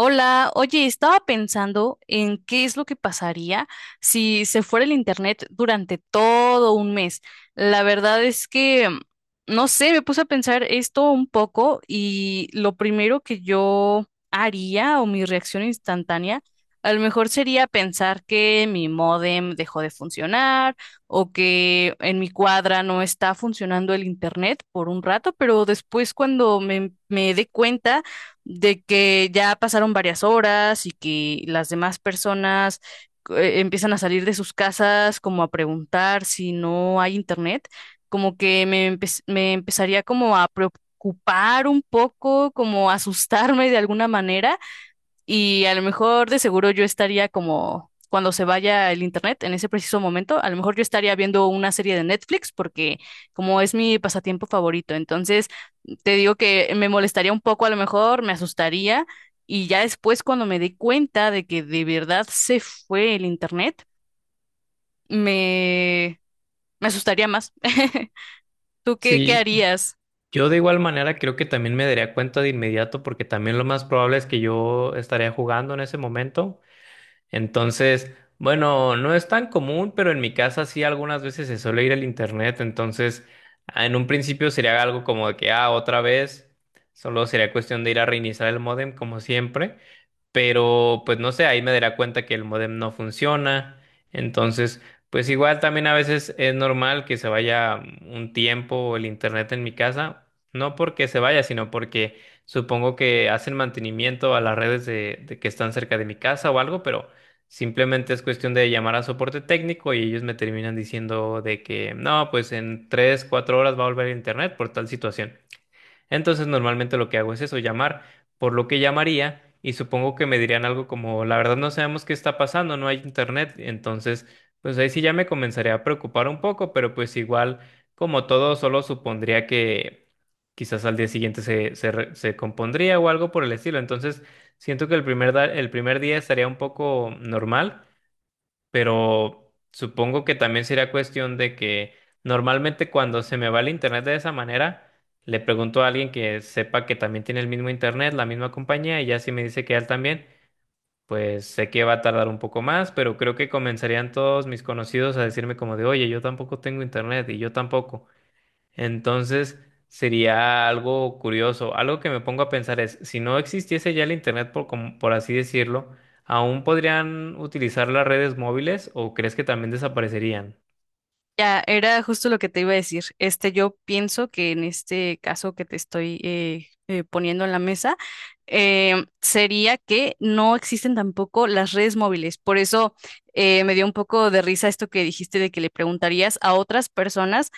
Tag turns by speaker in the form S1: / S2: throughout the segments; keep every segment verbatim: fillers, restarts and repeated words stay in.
S1: Hola, oye, estaba pensando en qué es lo que pasaría si se fuera el internet durante todo un mes. La verdad es que, mm, no sé, me puse a pensar esto un poco y lo primero que yo haría o mi reacción instantánea, a lo mejor sería pensar que mi módem dejó de funcionar o que en mi cuadra no está funcionando el internet por un rato, pero después cuando me, me dé cuenta de que ya pasaron varias horas y que las demás personas eh, empiezan a salir de sus casas como a preguntar si no hay internet, como que me, empe- me empezaría como a preocupar un poco, como a asustarme de alguna manera. Y a lo mejor de seguro yo estaría como cuando se vaya el internet en ese preciso momento, a lo mejor yo estaría viendo una serie de Netflix porque como es mi pasatiempo favorito, entonces te digo que me molestaría un poco, a lo mejor me asustaría. Y ya después cuando me di cuenta de que de verdad se fue el internet, me, me asustaría más. ¿Tú qué, qué
S2: Sí,
S1: harías?
S2: yo de igual manera creo que también me daría cuenta de inmediato porque también lo más probable es que yo estaría jugando en ese momento. Entonces, bueno, no es tan común, pero en mi casa sí algunas veces se suele ir al internet. Entonces, ah, en un principio sería algo como de que, ah, otra vez, solo sería cuestión de ir a reiniciar el módem como siempre, pero pues no sé, ahí me dará cuenta que el modem no funciona. Entonces, pues igual también a veces es normal que se vaya un tiempo el internet en mi casa, no porque se vaya, sino porque supongo que hacen mantenimiento a las redes de, de que están cerca de mi casa o algo, pero simplemente es cuestión de llamar a soporte técnico y ellos me terminan diciendo de que no, pues en tres, cuatro horas va a volver el internet por tal situación. Entonces, normalmente lo que hago es eso, llamar, por lo que llamaría y supongo que me dirían algo como, la verdad no sabemos qué está pasando, no hay internet. Entonces, pues ahí sí ya me comenzaría a preocupar un poco, pero pues igual, como todo, solo supondría que quizás al día siguiente se, se, re- se compondría o algo por el estilo. Entonces, siento que el primer, da- el primer día estaría un poco normal, pero supongo que también sería cuestión de que normalmente cuando se me va el internet de esa manera, le pregunto a alguien que sepa que también tiene el mismo internet, la misma compañía, y ya si me dice que él también, pues sé que va a tardar un poco más, pero creo que comenzarían todos mis conocidos a decirme como de, oye, yo tampoco tengo internet y yo tampoco. Entonces sería algo curioso. Algo que me pongo a pensar es, si no existiese ya el Internet, por, como- por así decirlo, ¿aún podrían utilizar las redes móviles o crees que también desaparecerían?
S1: Ya, era justo lo que te iba a decir. Este, yo pienso que en este caso que te estoy eh, eh, poniendo en la mesa, eh, sería que no existen tampoco las redes móviles. Por eso eh, me dio un poco de risa esto que dijiste de que le preguntarías a otras personas,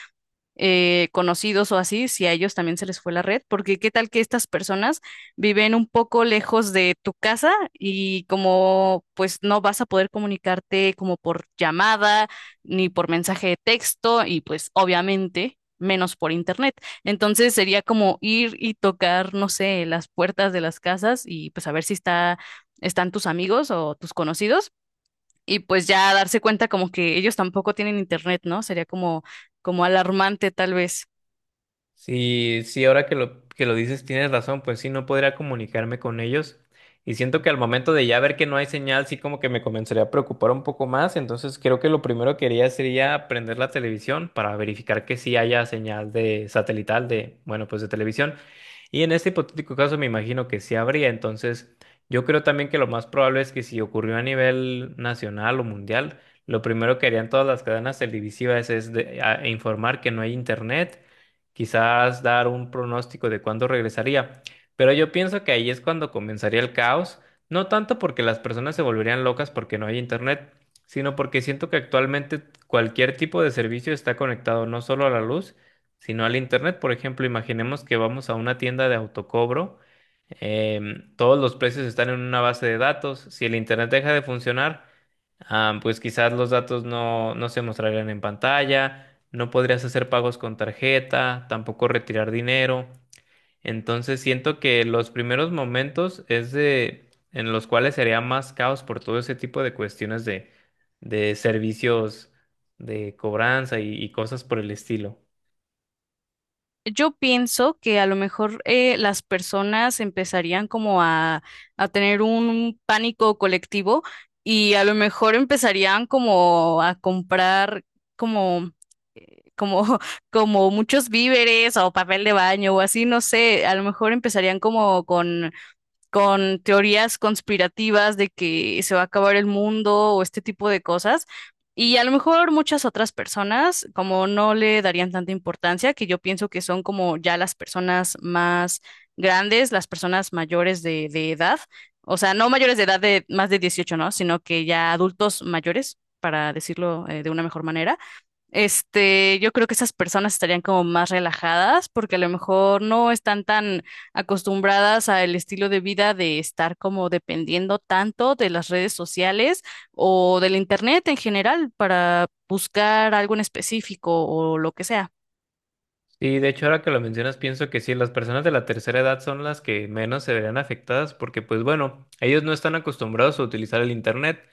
S1: eh, conocidos o así, si a ellos también se les fue la red, porque qué tal que estas personas viven un poco lejos de tu casa y como pues no vas a poder comunicarte como por llamada ni por mensaje de texto y pues obviamente menos por internet. Entonces sería como ir y tocar, no sé, las puertas de las casas y pues a ver si está, están tus amigos o tus conocidos y pues ya darse cuenta como que ellos tampoco tienen internet, ¿no? Sería como, como alarmante tal vez.
S2: Sí, sí, ahora que lo, que lo dices tienes razón, pues sí, no podría comunicarme con ellos. Y siento que al momento de ya ver que no hay señal, sí como que me comenzaría a preocupar un poco más. Entonces creo que lo primero que haría sería prender la televisión para verificar que sí haya señal de satelital, de, bueno, pues de televisión. Y en este hipotético caso me imagino que sí habría. Entonces yo creo también que lo más probable es que si ocurrió a nivel nacional o mundial, lo primero que harían todas las cadenas televisivas es de- a- informar que no hay internet, quizás dar un pronóstico de cuándo regresaría. Pero yo pienso que ahí es cuando comenzaría el caos, no tanto porque las personas se volverían locas porque no hay internet, sino porque siento que actualmente cualquier tipo de servicio está conectado no solo a la luz, sino al internet. Por ejemplo, imaginemos que vamos a una tienda de autocobro. Em, todos los precios están en una base de datos. Si el internet deja de funcionar, Ah, pues quizás los datos no, no se mostrarían en pantalla, no podrías hacer pagos con tarjeta, tampoco retirar dinero. Entonces siento que los primeros momentos es de en los cuales sería más caos por todo ese tipo de cuestiones de, de servicios de cobranza y y cosas por el estilo.
S1: Yo pienso que a lo mejor eh, las personas empezarían como a, a tener un pánico colectivo y a lo mejor empezarían como a comprar como, eh, como, como muchos víveres o papel de baño o así, no sé, a lo mejor empezarían como con con teorías conspirativas de que se va a acabar el mundo o este tipo de cosas. Y a lo mejor muchas otras personas como no le darían tanta importancia, que yo pienso que son como ya las personas más grandes, las personas mayores de, de edad, o sea, no mayores de edad de más de dieciocho, ¿no? Sino que ya adultos mayores, para decirlo, eh, de una mejor manera. Este, yo creo que esas personas estarían como más relajadas porque a lo mejor no están tan acostumbradas al estilo de vida de estar como dependiendo tanto de las redes sociales o del internet en general para buscar algo en específico o lo que sea.
S2: Y de hecho, ahora que lo mencionas, pienso que sí, las personas de la tercera edad son las que menos se verán afectadas porque, pues bueno, ellos no están acostumbrados a utilizar el Internet.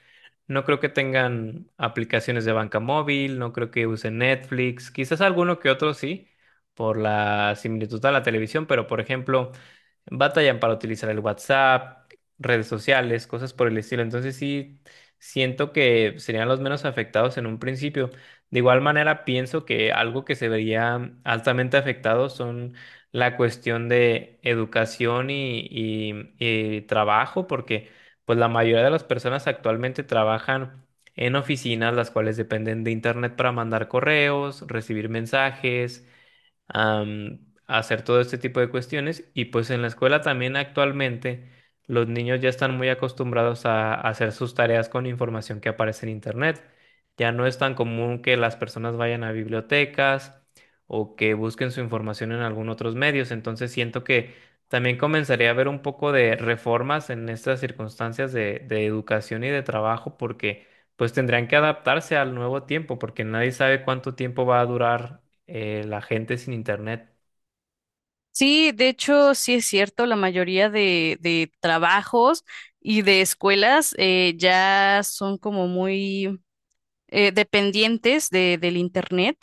S2: No creo que tengan aplicaciones de banca móvil, no creo que usen Netflix, quizás alguno que otro sí, por la similitud a la televisión, pero por ejemplo, batallan para utilizar el WhatsApp, redes sociales, cosas por el estilo. Entonces sí, siento que serían los menos afectados en un principio. De igual manera, pienso que algo que se vería altamente afectado son la cuestión de educación y, y- y trabajo, porque pues la mayoría de las personas actualmente trabajan en oficinas, las cuales dependen de internet para mandar correos, recibir mensajes, am, hacer todo este tipo de cuestiones. Y pues en la escuela también actualmente los niños ya están muy acostumbrados a, a hacer sus tareas con información que aparece en Internet. Ya no es tan común que las personas vayan a bibliotecas o que busquen su información en algún otros medios. Entonces siento que también comenzaría a haber un poco de reformas en estas circunstancias de, de educación y de trabajo, porque pues tendrían que adaptarse al nuevo tiempo porque nadie sabe cuánto tiempo va a durar eh, la gente sin internet.
S1: Sí, de hecho, sí es cierto, la mayoría de, de trabajos y de escuelas eh, ya son como muy eh, dependientes de, del internet.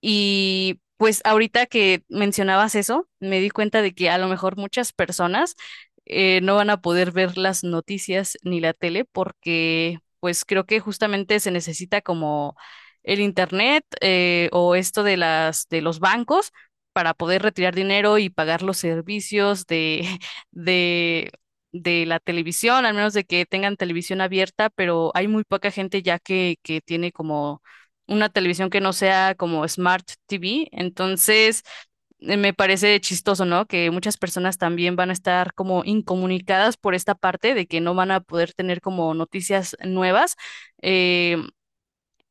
S1: Y pues ahorita que mencionabas eso, me di cuenta de que a lo mejor muchas personas eh, no van a poder ver las noticias ni la tele porque pues creo que justamente se necesita como el internet, eh, o esto de las de los bancos para poder retirar dinero y pagar los servicios de de de la televisión, al menos de que tengan televisión abierta, pero hay muy poca gente ya que que tiene como una televisión que no sea como Smart T V. Entonces, eh, me parece chistoso, ¿no? Que muchas personas también van a estar como incomunicadas por esta parte de que no van a poder tener como noticias nuevas. Eh,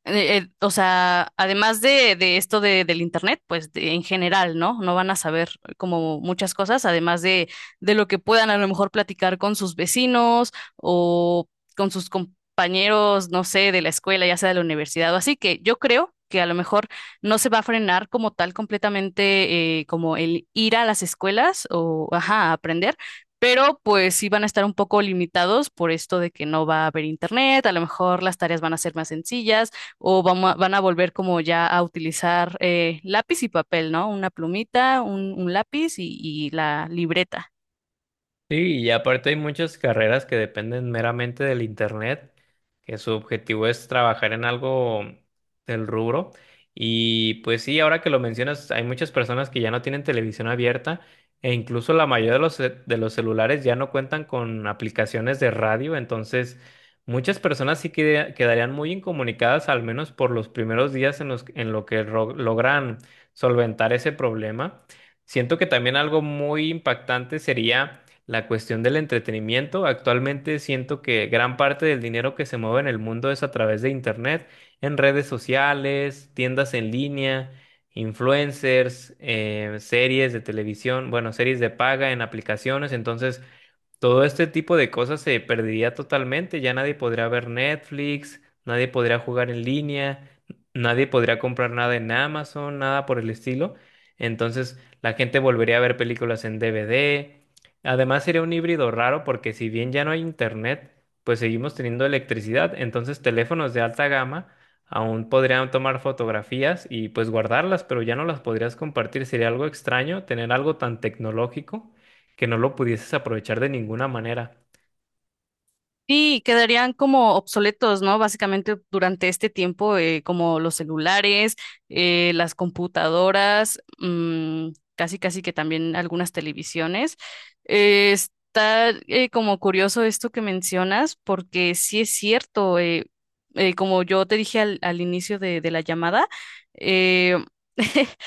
S1: eh, eh, o sea, además de, de esto de, del internet, pues de- en general, ¿no? No van a saber como muchas cosas, además de, de lo que puedan a lo mejor platicar con sus vecinos o con sus compañeros, no sé, de la escuela, ya sea de la universidad o así, que yo creo que a lo mejor no se va a frenar como tal completamente, eh, como el ir a las escuelas o, ajá, a aprender. Pero pues sí van a estar un poco limitados por esto de que no va a haber internet, a lo mejor las tareas van a ser más sencillas, o vamos a- van a volver como ya a utilizar, eh, lápiz y papel, ¿no? Una plumita, un, un lápiz y, y la libreta.
S2: Sí, y aparte hay muchas carreras que dependen meramente del internet, que su objetivo es trabajar en algo del rubro. Y pues sí, ahora que lo mencionas, hay muchas personas que ya no tienen televisión abierta e incluso la mayoría de los, ce- de los celulares ya no cuentan con aplicaciones de radio, entonces muchas personas sí que quedarían muy incomunicadas, al menos por los primeros días en los, en lo que ro- logran solventar ese problema. Siento que también algo muy impactante sería la cuestión del entretenimiento. Actualmente siento que gran parte del dinero que se mueve en el mundo es a través de internet, en redes sociales, tiendas en línea, influencers, eh, series de televisión, bueno, series de paga en aplicaciones. Entonces, todo este tipo de cosas se perdería totalmente, ya nadie podría ver Netflix, nadie podría jugar en línea, nadie podría comprar nada en Amazon, nada por el estilo. Entonces la gente volvería a ver películas en D V D. Además sería un híbrido raro porque si bien ya no hay internet, pues seguimos teniendo electricidad. Entonces teléfonos de alta gama aún podrían tomar fotografías y pues guardarlas, pero ya no las podrías compartir. Sería algo extraño tener algo tan tecnológico que no lo pudieses aprovechar de ninguna manera.
S1: Sí quedarían como obsoletos, ¿no? Básicamente durante este tiempo, eh, como los celulares, eh, las computadoras, mm, casi casi que también algunas televisiones. Eh, está eh, como curioso esto que mencionas, porque sí es cierto, eh, eh, como yo te dije al, al inicio de, de la llamada, eh,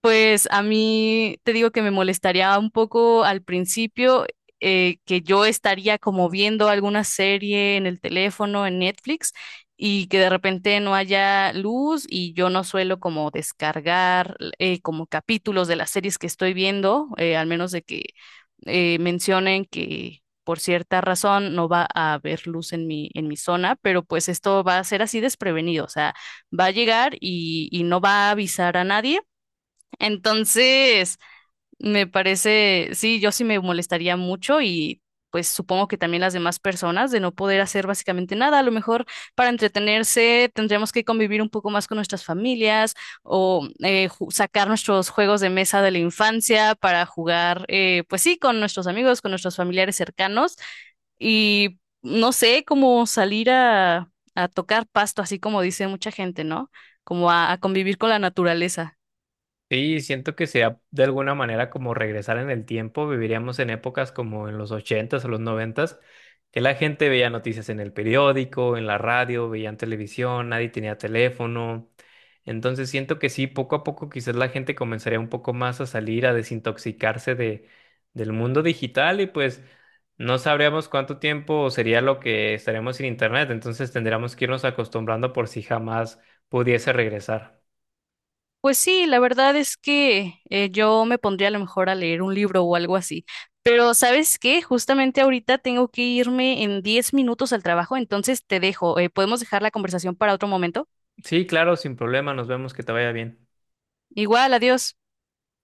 S1: Pues a mí te digo que me molestaría un poco al principio, eh, que yo estaría como viendo alguna serie en el teléfono, en Netflix, y que de repente no haya luz y yo no suelo como descargar eh, como capítulos de las series que estoy viendo, eh, al menos de que eh, mencionen que por cierta razón no va a haber luz en mi, en mi zona, pero pues esto va a ser así desprevenido, o sea, va a llegar y y no va a avisar a nadie. Entonces, me parece, sí, yo sí me molestaría mucho y pues supongo que también las demás personas de no poder hacer básicamente nada. A lo mejor para entretenerse tendríamos que convivir un poco más con nuestras familias o eh, ju- sacar nuestros juegos de mesa de la infancia para jugar, eh, pues sí, con nuestros amigos, con nuestros familiares cercanos y no sé, como salir a, a tocar pasto, así como dice mucha gente, ¿no? Como a a convivir con la naturaleza.
S2: Sí, siento que sea de alguna manera como regresar en el tiempo. Viviríamos en épocas como en los ochentas o los noventas, que la gente veía noticias en el periódico, en la radio, veían televisión, nadie tenía teléfono. Entonces siento que sí, poco a poco quizás la gente comenzaría un poco más a salir, a desintoxicarse de, del mundo digital y pues no sabríamos cuánto tiempo sería lo que estaríamos sin internet. Entonces tendríamos que irnos acostumbrando por si jamás pudiese regresar.
S1: Pues sí, la verdad es que, eh, yo me pondría a lo mejor a leer un libro o algo así. Pero ¿sabes qué? Justamente ahorita tengo que irme en diez minutos al trabajo, entonces te dejo. Eh, ¿podemos dejar la conversación para otro momento?
S2: Sí, claro, sin problema, nos vemos, que te vaya bien.
S1: Igual, adiós.